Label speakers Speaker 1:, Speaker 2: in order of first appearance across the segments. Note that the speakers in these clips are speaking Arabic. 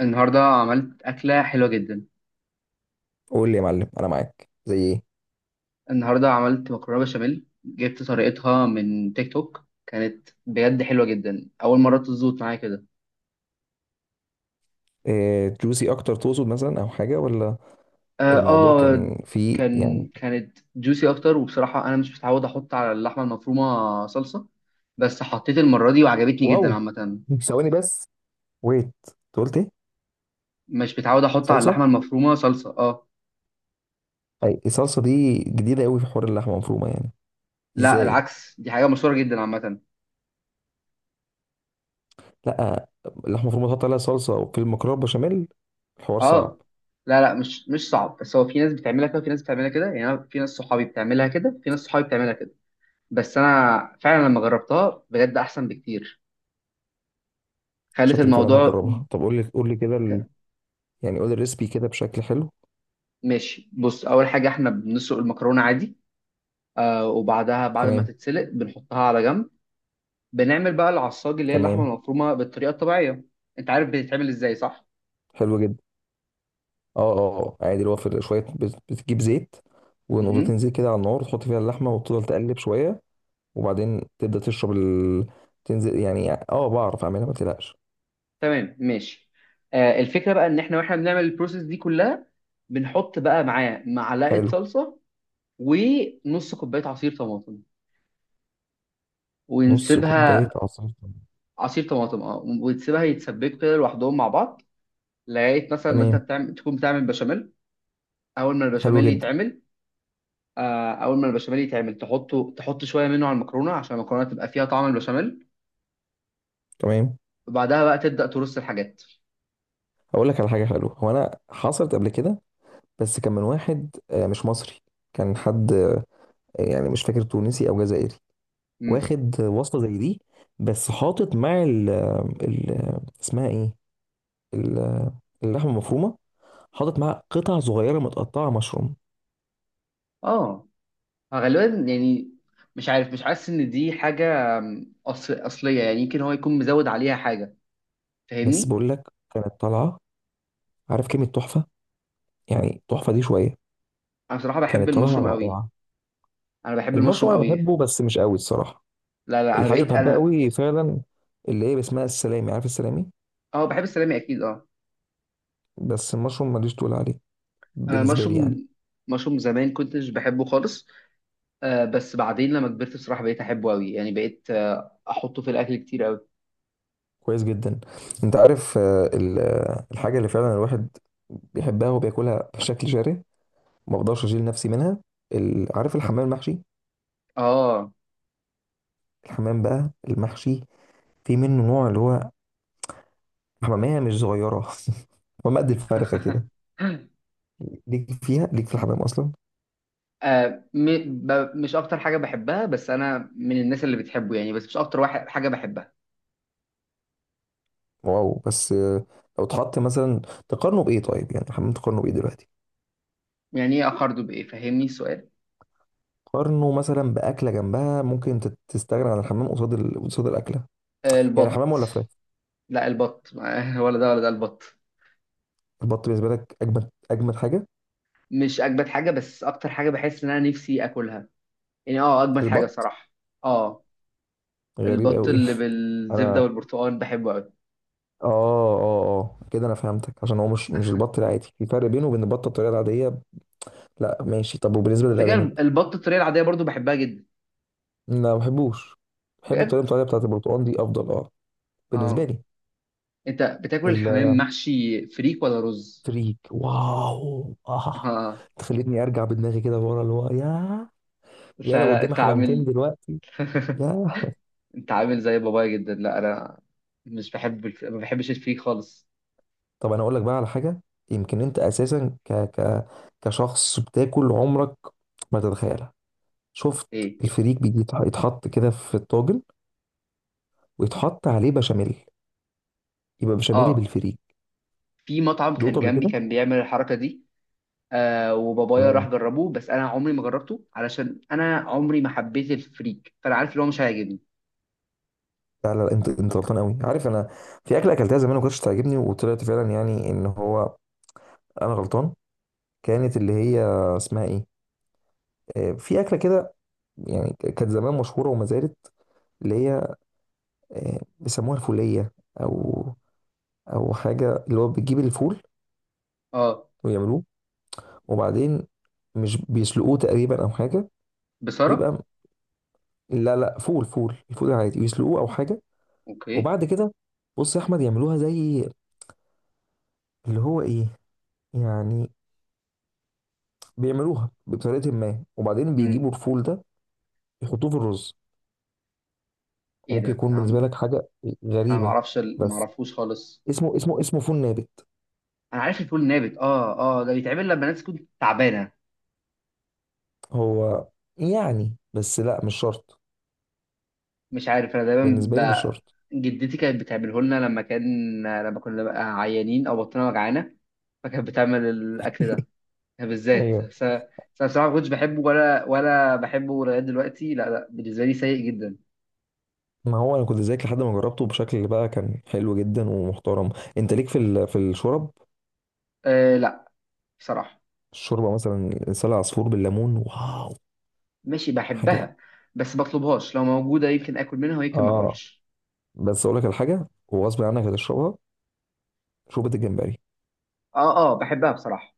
Speaker 1: النهاردة عملت أكلة حلوة جدا.
Speaker 2: قول لي يا معلم، انا معاك. زي ايه؟
Speaker 1: النهاردة عملت مكرونة بشاميل، جبت طريقتها من تيك توك. كانت بجد حلوة جدا، أول مرة تظبط معايا كده.
Speaker 2: إيه، جوسي اكتر تقصد مثلا او حاجه ولا؟
Speaker 1: آه,
Speaker 2: الموضوع
Speaker 1: آه
Speaker 2: كان فيه يعني.
Speaker 1: كانت جوسي أكتر، وبصراحة أنا مش متعود أحط على اللحمة المفرومة صلصة، بس حطيت المرة دي وعجبتني جدا
Speaker 2: واو.
Speaker 1: عامة.
Speaker 2: ثواني بس. ويت، أنت قلت ايه؟
Speaker 1: مش متعود أحط على
Speaker 2: صلصه؟
Speaker 1: اللحمة المفرومة صلصة، آه.
Speaker 2: اي الصلصه دي جديده قوي في حوار اللحمه المفرومه يعني؟
Speaker 1: لا
Speaker 2: ازاي؟
Speaker 1: العكس، دي حاجة مشهورة جدا عامة.
Speaker 2: لا، اللحمه المفرومه تحط عليها صلصه وفي المكرونه بشاميل؟ الحوار صعب.
Speaker 1: آه، لا مش صعب، بس هو في ناس بتعملها كده وفي ناس بتعملها كده. يعني أنا في ناس صحابي بتعملها كده، في ناس صحابي بتعملها كده. بس انا فعلا لما جربتها بجد احسن بكتير. خلت
Speaker 2: شكلي فعلا
Speaker 1: الموضوع.
Speaker 2: هجربها. طب قول لي كده ال... يعني قول لي الريسبي كده بشكل حلو.
Speaker 1: ماشي، بص، اول حاجه احنا بنسلق المكرونه عادي. آه، وبعدها بعد ما
Speaker 2: تمام.
Speaker 1: تتسلق بنحطها على جنب. بنعمل بقى العصاج، اللي هي اللحمه
Speaker 2: تمام.
Speaker 1: المفرومه بالطريقه الطبيعيه. انت عارف بتتعمل ازاي صح؟
Speaker 2: حلو جدا. اه اه اه. عادي، اللي هو في شويه بتجيب زيت
Speaker 1: مهم.
Speaker 2: ونقطتين زيت كده على النار، تحط فيها اللحمه وتفضل تقلب شويه. وبعدين تبدا تشرب ال... تنزل يعني. اه بعرف اعملها ما تقلقش.
Speaker 1: تمام، ماشي. آه، الفكره بقى ان احنا واحنا بنعمل البروسيس دي كلها، بنحط بقى معاه معلقه
Speaker 2: حلو.
Speaker 1: صلصه ونص كوبايه عصير طماطم
Speaker 2: نص
Speaker 1: ونسيبها.
Speaker 2: كوبايه عصير ليمون.
Speaker 1: عصير طماطم، اه، ونسيبها يتسبكوا كده لوحدهم مع بعض. لقيت مثلا ما انت
Speaker 2: تمام.
Speaker 1: بتعمل، تكون بتعمل بشاميل. اول ما
Speaker 2: حلو
Speaker 1: البشاميل
Speaker 2: جدا.
Speaker 1: يتعمل، آه، اول ما البشاميل يتعمل تحطه، تحط شويه منه على المكرونه عشان المكرونه تبقى فيها طعم البشاميل.
Speaker 2: تمام.
Speaker 1: وبعدها بقى تبدا ترص الحاجات.
Speaker 2: هقول لك على حاجه حلوه. هو انا حصلت قبل كده، بس كان من واحد مش مصري. كان حد يعني مش فاكر، تونسي او جزائري.
Speaker 1: امم
Speaker 2: واخد وصفه زي دي، بس حاطط مع ال... ال... اسمها ايه؟ ال- اللحمه المفرومه. حاطط معاها قطع صغيره متقطعه مشروم.
Speaker 1: اه. آه، غالبا. يعني مش عارف، مش حاسس ان دي حاجه، أصل اصليه. يعني يمكن هو يكون مزود عليها حاجه،
Speaker 2: بس
Speaker 1: فاهمني؟
Speaker 2: بقول لك، كانت طالعه. عارف كلمه تحفه؟ يعني تحفه دي شويه.
Speaker 1: انا بصراحه بحب
Speaker 2: كانت طالعه
Speaker 1: المشروم قوي.
Speaker 2: رائعه.
Speaker 1: انا بحب المشروم
Speaker 2: المشروم انا
Speaker 1: قوي.
Speaker 2: بحبه بس مش قوي الصراحه.
Speaker 1: لا انا
Speaker 2: الحاجه
Speaker 1: بقيت
Speaker 2: اللي بحبها
Speaker 1: انا.
Speaker 2: قوي فعلا، اللي هي اسمها السلامي. عارف السلامي؟
Speaker 1: اه، بحب السلامي اكيد، اه.
Speaker 2: بس المشروم ماليش تقول عليه
Speaker 1: انا
Speaker 2: بالنسبه لي يعني.
Speaker 1: المشروم، مشروم زمان كنتش بحبه خالص. آه، بس بعدين لما كبرت بصراحة بقيت أحبه أوي. يعني بقيت، آه، أحطه في الأكل كتير أوي.
Speaker 2: كويس جدا. انت عارف ال- الحاجه اللي فعلا الواحد بيحبها وبياكلها بشكل جارح، ما بقدرش اشيل نفسي منها. ال- عارف الحمام المحشي؟
Speaker 1: آه.
Speaker 2: الحمام بقى المحشي، في منه نوع اللي هو حمامية مش صغيرة حمامة قد الفرخة كده. ليك فيها؟ ليك في الحمام أصلا؟
Speaker 1: آه. مش أكتر حاجة بحبها، بس أنا من الناس اللي بتحبه. يعني بس مش أكتر واحد حاجة بحبها.
Speaker 2: واو. بس لو اتحط مثلا، تقارنه بإيه طيب؟ يعني الحمام تقارنه بإيه دلوقتي؟
Speaker 1: يعني إيه أخرده بإيه؟ فهمني السؤال.
Speaker 2: قارنه مثلا بأكلة جنبها ممكن تستغنى عن الحمام قصاد ال... قصاد الأكلة.
Speaker 1: آه،
Speaker 2: يعني حمام
Speaker 1: البط.
Speaker 2: ولا فراخ؟
Speaker 1: لا البط ولا ده ولا ده، البط.
Speaker 2: البط بالنسبة لك أجمد أجمد حاجة؟
Speaker 1: مش أجمد حاجة، بس أكتر حاجة بحس إن أنا نفسي آكلها. يعني آه، أجمد حاجة
Speaker 2: البط.
Speaker 1: بصراحة. آه.
Speaker 2: غريب
Speaker 1: البط
Speaker 2: أوي.
Speaker 1: اللي بالزبدة
Speaker 2: أنا.
Speaker 1: والبرتقال بحبه أوي.
Speaker 2: آه. آه آه كده أنا فهمتك، عشان هو مش البط العادي، في فرق بينه وبين البطة الطريقة العادية. لا ماشي. طب وبالنسبة
Speaker 1: على
Speaker 2: للأرانب؟
Speaker 1: فكرة البط الطريقة العادية برضو بحبها جدا.
Speaker 2: لا، ما بحبوش. بحب
Speaker 1: بجد.
Speaker 2: الطريقة العادية بتاعت البرتقال دي أفضل، آه، بالنسبه
Speaker 1: آه.
Speaker 2: لي.
Speaker 1: انت بتاكل الحمام محشي فريك ولا رز؟
Speaker 2: الفريك، واو، اه.
Speaker 1: اه.
Speaker 2: تخليني ارجع بدماغي كده ورا، اللي هو يا يا
Speaker 1: لا
Speaker 2: لو
Speaker 1: لا
Speaker 2: قدامي
Speaker 1: انت
Speaker 2: حمامتين
Speaker 1: عامل.
Speaker 2: دلوقتي، يا.
Speaker 1: انت عامل زي بابايا جدا. لا انا مش بحب ما بحبش الفريك خالص.
Speaker 2: طب انا اقول لك بقى على حاجه. يمكن انت اساسا ك ك كشخص بتاكل، عمرك ما تتخيلها. شفت؟
Speaker 1: ايه.
Speaker 2: الفريك بيجي يتحط كده في الطاجن، ويتحط عليه بشاميل. يبقى بشاميل
Speaker 1: اه،
Speaker 2: بالفريك.
Speaker 1: في مطعم كان
Speaker 2: دوقته قبل
Speaker 1: جنبي
Speaker 2: كده؟
Speaker 1: كان بيعمل الحركه دي. آه، وبابايا راح
Speaker 2: تمام.
Speaker 1: جربه، بس انا عمري ما جربته، علشان انا عمري ما حبيت الفريك، فانا عارف اللي هو مش هيعجبني.
Speaker 2: لا، انت غلطان قوي. عارف انا في اكله اكلتها زمان ما كنتش تعجبني، وطلعت فعلا يعني ان هو انا غلطان. كانت اللي هي اسمها ايه؟ آه، في اكله كده، يعني كانت زمان مشهوره وما زالت، اللي هي آه، بيسموها الفوليه او او حاجه، اللي هو بتجيب الفول
Speaker 1: اه.
Speaker 2: ويعملوه وبعدين مش بيسلقوه تقريبا او حاجه،
Speaker 1: بصراحه.
Speaker 2: ويبقى. لا لا، فول الفول العادي يسلقوه او حاجه،
Speaker 1: اوكي.
Speaker 2: وبعد كده. بص يا احمد، يعملوها زي اللي هو ايه يعني، بيعملوها بطريقه ما، وبعدين
Speaker 1: امم.
Speaker 2: بيجيبوا الفول ده يحطوه في الرز.
Speaker 1: ايه
Speaker 2: وممكن
Speaker 1: ده؟
Speaker 2: يكون
Speaker 1: انا
Speaker 2: بالنسبه لك حاجه
Speaker 1: أنا ما
Speaker 2: غريبه،
Speaker 1: اعرفش ما
Speaker 2: بس
Speaker 1: اعرفوش خالص.
Speaker 2: اسمه اسمه فول نابت.
Speaker 1: انا عارف الفول النابت، اه اه. ده بيتعمل لما الناس تكون تعبانه.
Speaker 2: هو يعني بس لا، مش شرط.
Speaker 1: مش عارف، انا دايما
Speaker 2: بالنسبه لي مش
Speaker 1: ب...
Speaker 2: شرط.
Speaker 1: جدتي كانت بتعمله لنا لما كان، لما كنا بقى عيانين او بطننا وجعانه، فكانت بتعمل الاكل ده بالذات.
Speaker 2: ايوه.
Speaker 1: بس انا، بس أنا بصراحه ما كنتش بحبه، ولا بحبه لغايه دلوقتي. لا بالنسبه لي سيء جدا.
Speaker 2: ما هو انا كنت زيك لحد ما جربته بشكل بقى كان حلو جدا ومحترم. انت ليك في ال... في الشرب؟
Speaker 1: أه، لا، بصراحه.
Speaker 2: الشوربه مثلا لسان عصفور بالليمون، واو
Speaker 1: ماشي
Speaker 2: حاجه.
Speaker 1: بحبها. بس بطلبهاش، لو موجوده يمكن اكل منها ويمكن ما
Speaker 2: اه
Speaker 1: اكلش.
Speaker 2: بس اقول لك الحاجه وغصب عنك هتشربها، شوربه الجمبري.
Speaker 1: اه. اه بحبها بصراحه.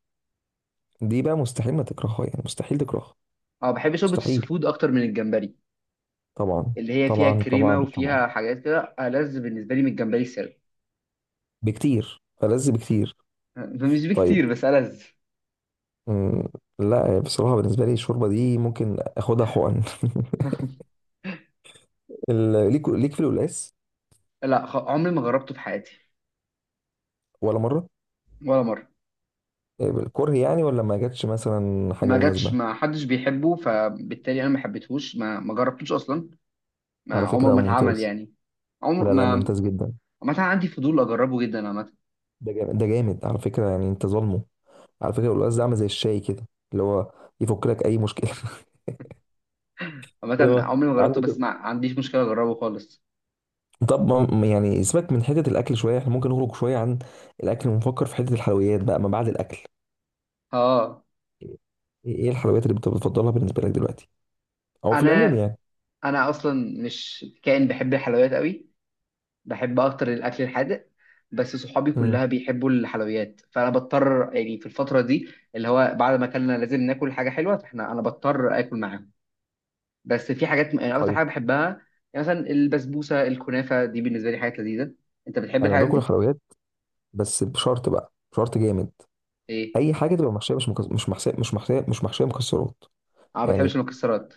Speaker 2: دي بقى مستحيل ما تكرهها، يعني مستحيل تكرهها.
Speaker 1: اه، بحب شوربه
Speaker 2: مستحيل.
Speaker 1: السفود اكتر من الجمبري،
Speaker 2: طبعا
Speaker 1: اللي هي فيها
Speaker 2: طبعا
Speaker 1: كريمه
Speaker 2: طبعا. طبعا
Speaker 1: وفيها حاجات كده، ألذ بالنسبه لي من الجمبري السري.
Speaker 2: بكتير، ألذ بكتير.
Speaker 1: مش
Speaker 2: طيب.
Speaker 1: بكتير، بس ألذ.
Speaker 2: مم، لا يعني بصراحة بالنسبة لي الشوربة دي ممكن اخدها حقن. ال- ليك ليك في القلقاس؟
Speaker 1: لا خ- عمري ما جربته في حياتي.
Speaker 2: ولا مرة؟
Speaker 1: ولا مره.
Speaker 2: الكره يعني، ولا ما جاتش مثلا حاجة
Speaker 1: ما جاتش،
Speaker 2: مناسبة؟
Speaker 1: ما حدش بيحبه، فبالتالي انا ما حبيتهوش، ما جربتوش اصلا.
Speaker 2: على
Speaker 1: ما عمره
Speaker 2: فكرة
Speaker 1: ما اتعمل
Speaker 2: ممتاز.
Speaker 1: يعني. عمر
Speaker 2: لا لا،
Speaker 1: ما.
Speaker 2: ممتاز جدا.
Speaker 1: عامه عندي فضول اجربه جدا عامه.
Speaker 2: ده جامد، ده جامد على فكرة يعني، انت ظالمه. على فكرة القلقاس ده عامل زي الشاي كده، اللي هو يفك لك اي مشكلة. اللي
Speaker 1: عامه
Speaker 2: هو
Speaker 1: عمري ما جربته،
Speaker 2: عندك.
Speaker 1: بس ما عنديش مشكله اجربه خالص.
Speaker 2: طب ما يعني سيبك من حتة الاكل شوية، احنا ممكن نخرج شوية عن الاكل ونفكر في حتة الحلويات بقى ما بعد الاكل.
Speaker 1: اه.
Speaker 2: ايه إيه الحلويات اللي بتفضلها بالنسبة لك دلوقتي او في العموم
Speaker 1: انا
Speaker 2: يعني؟
Speaker 1: انا اصلا مش كائن بحب الحلويات قوي، بحب اكتر الاكل الحادق. بس صحابي
Speaker 2: امم.
Speaker 1: كلها بيحبوا الحلويات، فانا بضطر يعني في الفتره دي، اللي هو بعد ما اكلنا لازم ناكل حاجه حلوه، فاحنا انا بضطر اكل معاهم. بس في حاجات يعني اكتر
Speaker 2: طيب.
Speaker 1: حاجه بحبها، يعني مثلا البسبوسه، الكنافه، دي بالنسبه لي حاجات لذيذه. انت بتحب
Speaker 2: انا
Speaker 1: الحاجات
Speaker 2: باكل
Speaker 1: دي؟
Speaker 2: الحلويات بس بشرط بقى، بشرط جامد.
Speaker 1: ايه.
Speaker 2: اي حاجه تبقى محشيه، مش مش محشيه، مش محشيه مكسرات،
Speaker 1: اه، ما بتحبش
Speaker 2: يعني
Speaker 1: المكسرات.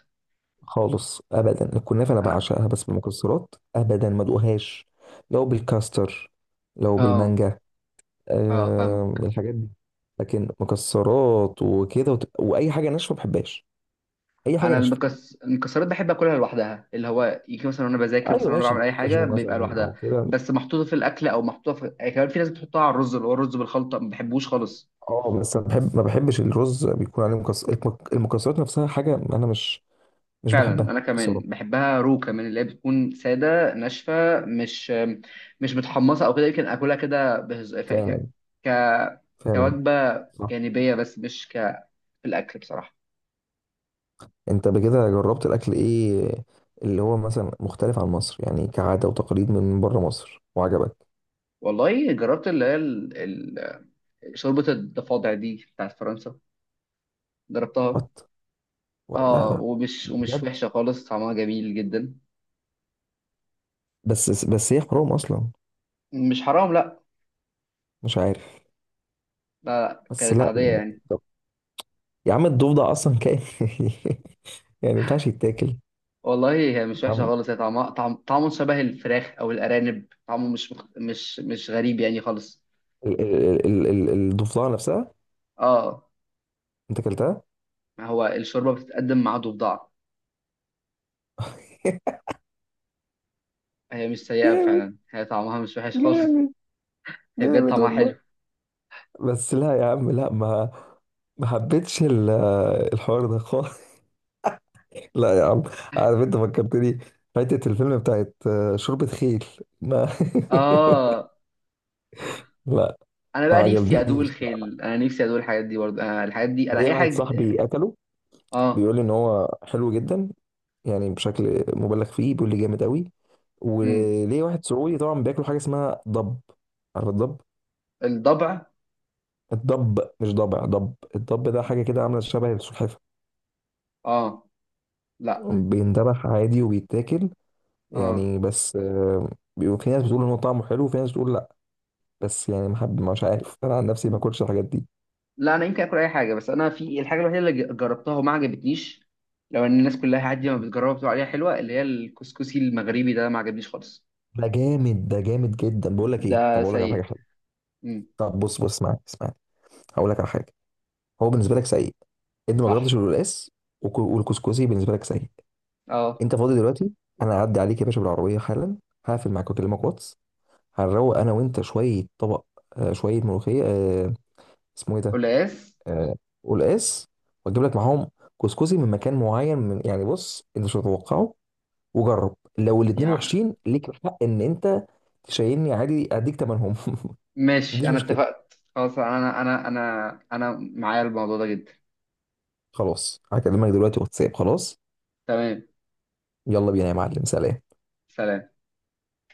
Speaker 2: خالص ابدا. الكنافه انا
Speaker 1: انا.
Speaker 2: بعشقها، بس بالمكسرات ابدا ما ادوقهاش. لو بالكاستر، لو
Speaker 1: اه
Speaker 2: بالمانجا،
Speaker 1: اه
Speaker 2: آه...
Speaker 1: فاهمك.
Speaker 2: الحاجات دي. لكن مكسرات وكده وت... واي حاجه ناشفه ما بحبهاش. اي حاجه
Speaker 1: انا
Speaker 2: ناشفه.
Speaker 1: المكسرات بحب اكلها لوحدها، اللي هو يجي مثلا وانا بذاكر،
Speaker 2: ايوه،
Speaker 1: مثلا وانا بعمل
Speaker 2: ماشي،
Speaker 1: اي حاجه،
Speaker 2: كاجو
Speaker 1: بيبقى
Speaker 2: مثلا او
Speaker 1: لوحدها.
Speaker 2: كده.
Speaker 1: بس محطوطه في الاكل او محطوطه في، يعني كمان في ناس بتحطها على الرز، اللي هو الرز بالخلطه، ما بحبوش خالص.
Speaker 2: اه، بس انا بحب، ما بحبش الرز بيكون عليه مكسر، المكسرات نفسها حاجه انا مش، مش
Speaker 1: فعلا
Speaker 2: بحبها
Speaker 1: انا
Speaker 2: بصراحة.
Speaker 1: كمان بحبها رو كمان، اللي هي بتكون ساده ناشفه، مش مش متحمصه او كده، يمكن اكلها كده
Speaker 2: فعلا.
Speaker 1: ك
Speaker 2: فعلا.
Speaker 1: كوجبه
Speaker 2: صح.
Speaker 1: جانبيه، بس مش ك في الاكل بصراحه.
Speaker 2: انت بكده جربت الاكل ايه اللي هو مثلا مختلف عن مصر، يعني كعادة وتقاليد من بره مصر وعجبك؟
Speaker 1: والله جربت، اللي هي شوربه الضفادع دي بتاعت فرنسا، جربتها.
Speaker 2: وات؟ لا
Speaker 1: اه،
Speaker 2: لا.
Speaker 1: ومش
Speaker 2: بجد؟
Speaker 1: وحشه خالص، طعمها جميل جدا.
Speaker 2: بس بس هي حرام اصلا.
Speaker 1: مش حرام، لا.
Speaker 2: مش عارف.
Speaker 1: لا, لا.
Speaker 2: بس
Speaker 1: كانت
Speaker 2: لا
Speaker 1: عاديه
Speaker 2: يعني.
Speaker 1: يعني.
Speaker 2: طب يا عم الضفدع اصلا كائن، يعني ما ينفعش يتاكل.
Speaker 1: والله هي مش وحشه
Speaker 2: عم-
Speaker 1: خالص، هي طعمها، طعمه شبه الفراخ او الارانب. طعمه مش غريب يعني خالص.
Speaker 2: ال- ال- ال- ال- الضفدعة نفسها
Speaker 1: اه.
Speaker 2: انت اكلتها؟
Speaker 1: ما هو الشوربه بتتقدم مع ضفدع. هي مش سيئه
Speaker 2: جامد.
Speaker 1: فعلا، هي طعمها مش وحش خالص.
Speaker 2: جامد.
Speaker 1: هي بجد
Speaker 2: جامد
Speaker 1: طعمها حلو.
Speaker 2: والله. بس لا يا عم، لا، ما ما حبيتش ال- الحوار ده خالص. لا يا عم. عارف انت فكرتني، فاتت الفيلم بتاعت آه، شوربة خيل. ما.
Speaker 1: اه.
Speaker 2: لا
Speaker 1: انا
Speaker 2: ما
Speaker 1: بقى نفسي ادوق
Speaker 2: عجبنيش.
Speaker 1: الخيل، انا نفسي ادوق الحاجات دي برضه. انا الحاجات دي، انا
Speaker 2: ليه
Speaker 1: اي
Speaker 2: واحد
Speaker 1: حاجه.
Speaker 2: صاحبي قتله،
Speaker 1: اه.
Speaker 2: بيقول لي ان هو حلو جدا، يعني بشكل مبالغ فيه بيقول لي جامد قوي.
Speaker 1: امم.
Speaker 2: وليه واحد سعودي طبعا، بياكلوا حاجه اسمها ضب. عارف الضب؟
Speaker 1: الضبع.
Speaker 2: الضب، مش ضبع، ضب. الضب ده حاجه كده عامله شبه السلحفه،
Speaker 1: اه. لا.
Speaker 2: بيندبح عادي وبيتاكل،
Speaker 1: اه.
Speaker 2: يعني. بس بيبقى في ناس بتقول ان هو طعمه حلو، وفي ناس بتقول. بس يعني ما حد، مش عارف، انا عن نفسي ما اكلش الحاجات دي.
Speaker 1: لا انا يمكن اكل اي حاجه، بس انا في الحاجه الوحيده اللي جربتها وما عجبتنيش، لو ان الناس كلها عادي ما بتجربها بتقول عليها حلوه، اللي هي الكسكسي المغربي ده ما عجبنيش خالص.
Speaker 2: ده جامد، ده جامد جدا. بقول لك ايه،
Speaker 1: ده
Speaker 2: طب اقول لك على حاجه
Speaker 1: سيء.
Speaker 2: حلوه.
Speaker 1: امم.
Speaker 2: طب بص بص، اسمعني. هقول لك على حاجه. هو بالنسبه لك سيء انت ما جربتش
Speaker 1: صح.
Speaker 2: القلقاس، والكسكسي بالنسبه لك سيء.
Speaker 1: اه.
Speaker 2: انت فاضي دلوقتي؟ انا هعدي عليك يا باشا بالعربيه حالا. هقفل معاك واكلمك واتس. هنروق انا وانت شويه طبق آه شويه ملوخيه. آه اسمه ايه ده؟
Speaker 1: قلقاس.
Speaker 2: آه قلقاس. واجيب لك معاهم كسكسي من مكان معين، من يعني بص انت مش هتتوقعه. وجرب، لو الاتنين
Speaker 1: يعني
Speaker 2: وحشين ليك الحق ان انت تشيلني عادي، اديك تمنهم.
Speaker 1: ماشي،
Speaker 2: مفيش
Speaker 1: انا
Speaker 2: مشكله.
Speaker 1: اتفقت خلاص، انا انا معايا الموضوع ده جدا.
Speaker 2: خلاص هكلمك دلوقتي واتساب، خلاص.
Speaker 1: تمام.
Speaker 2: يلا بينا يا معلم، سلام.
Speaker 1: سلام.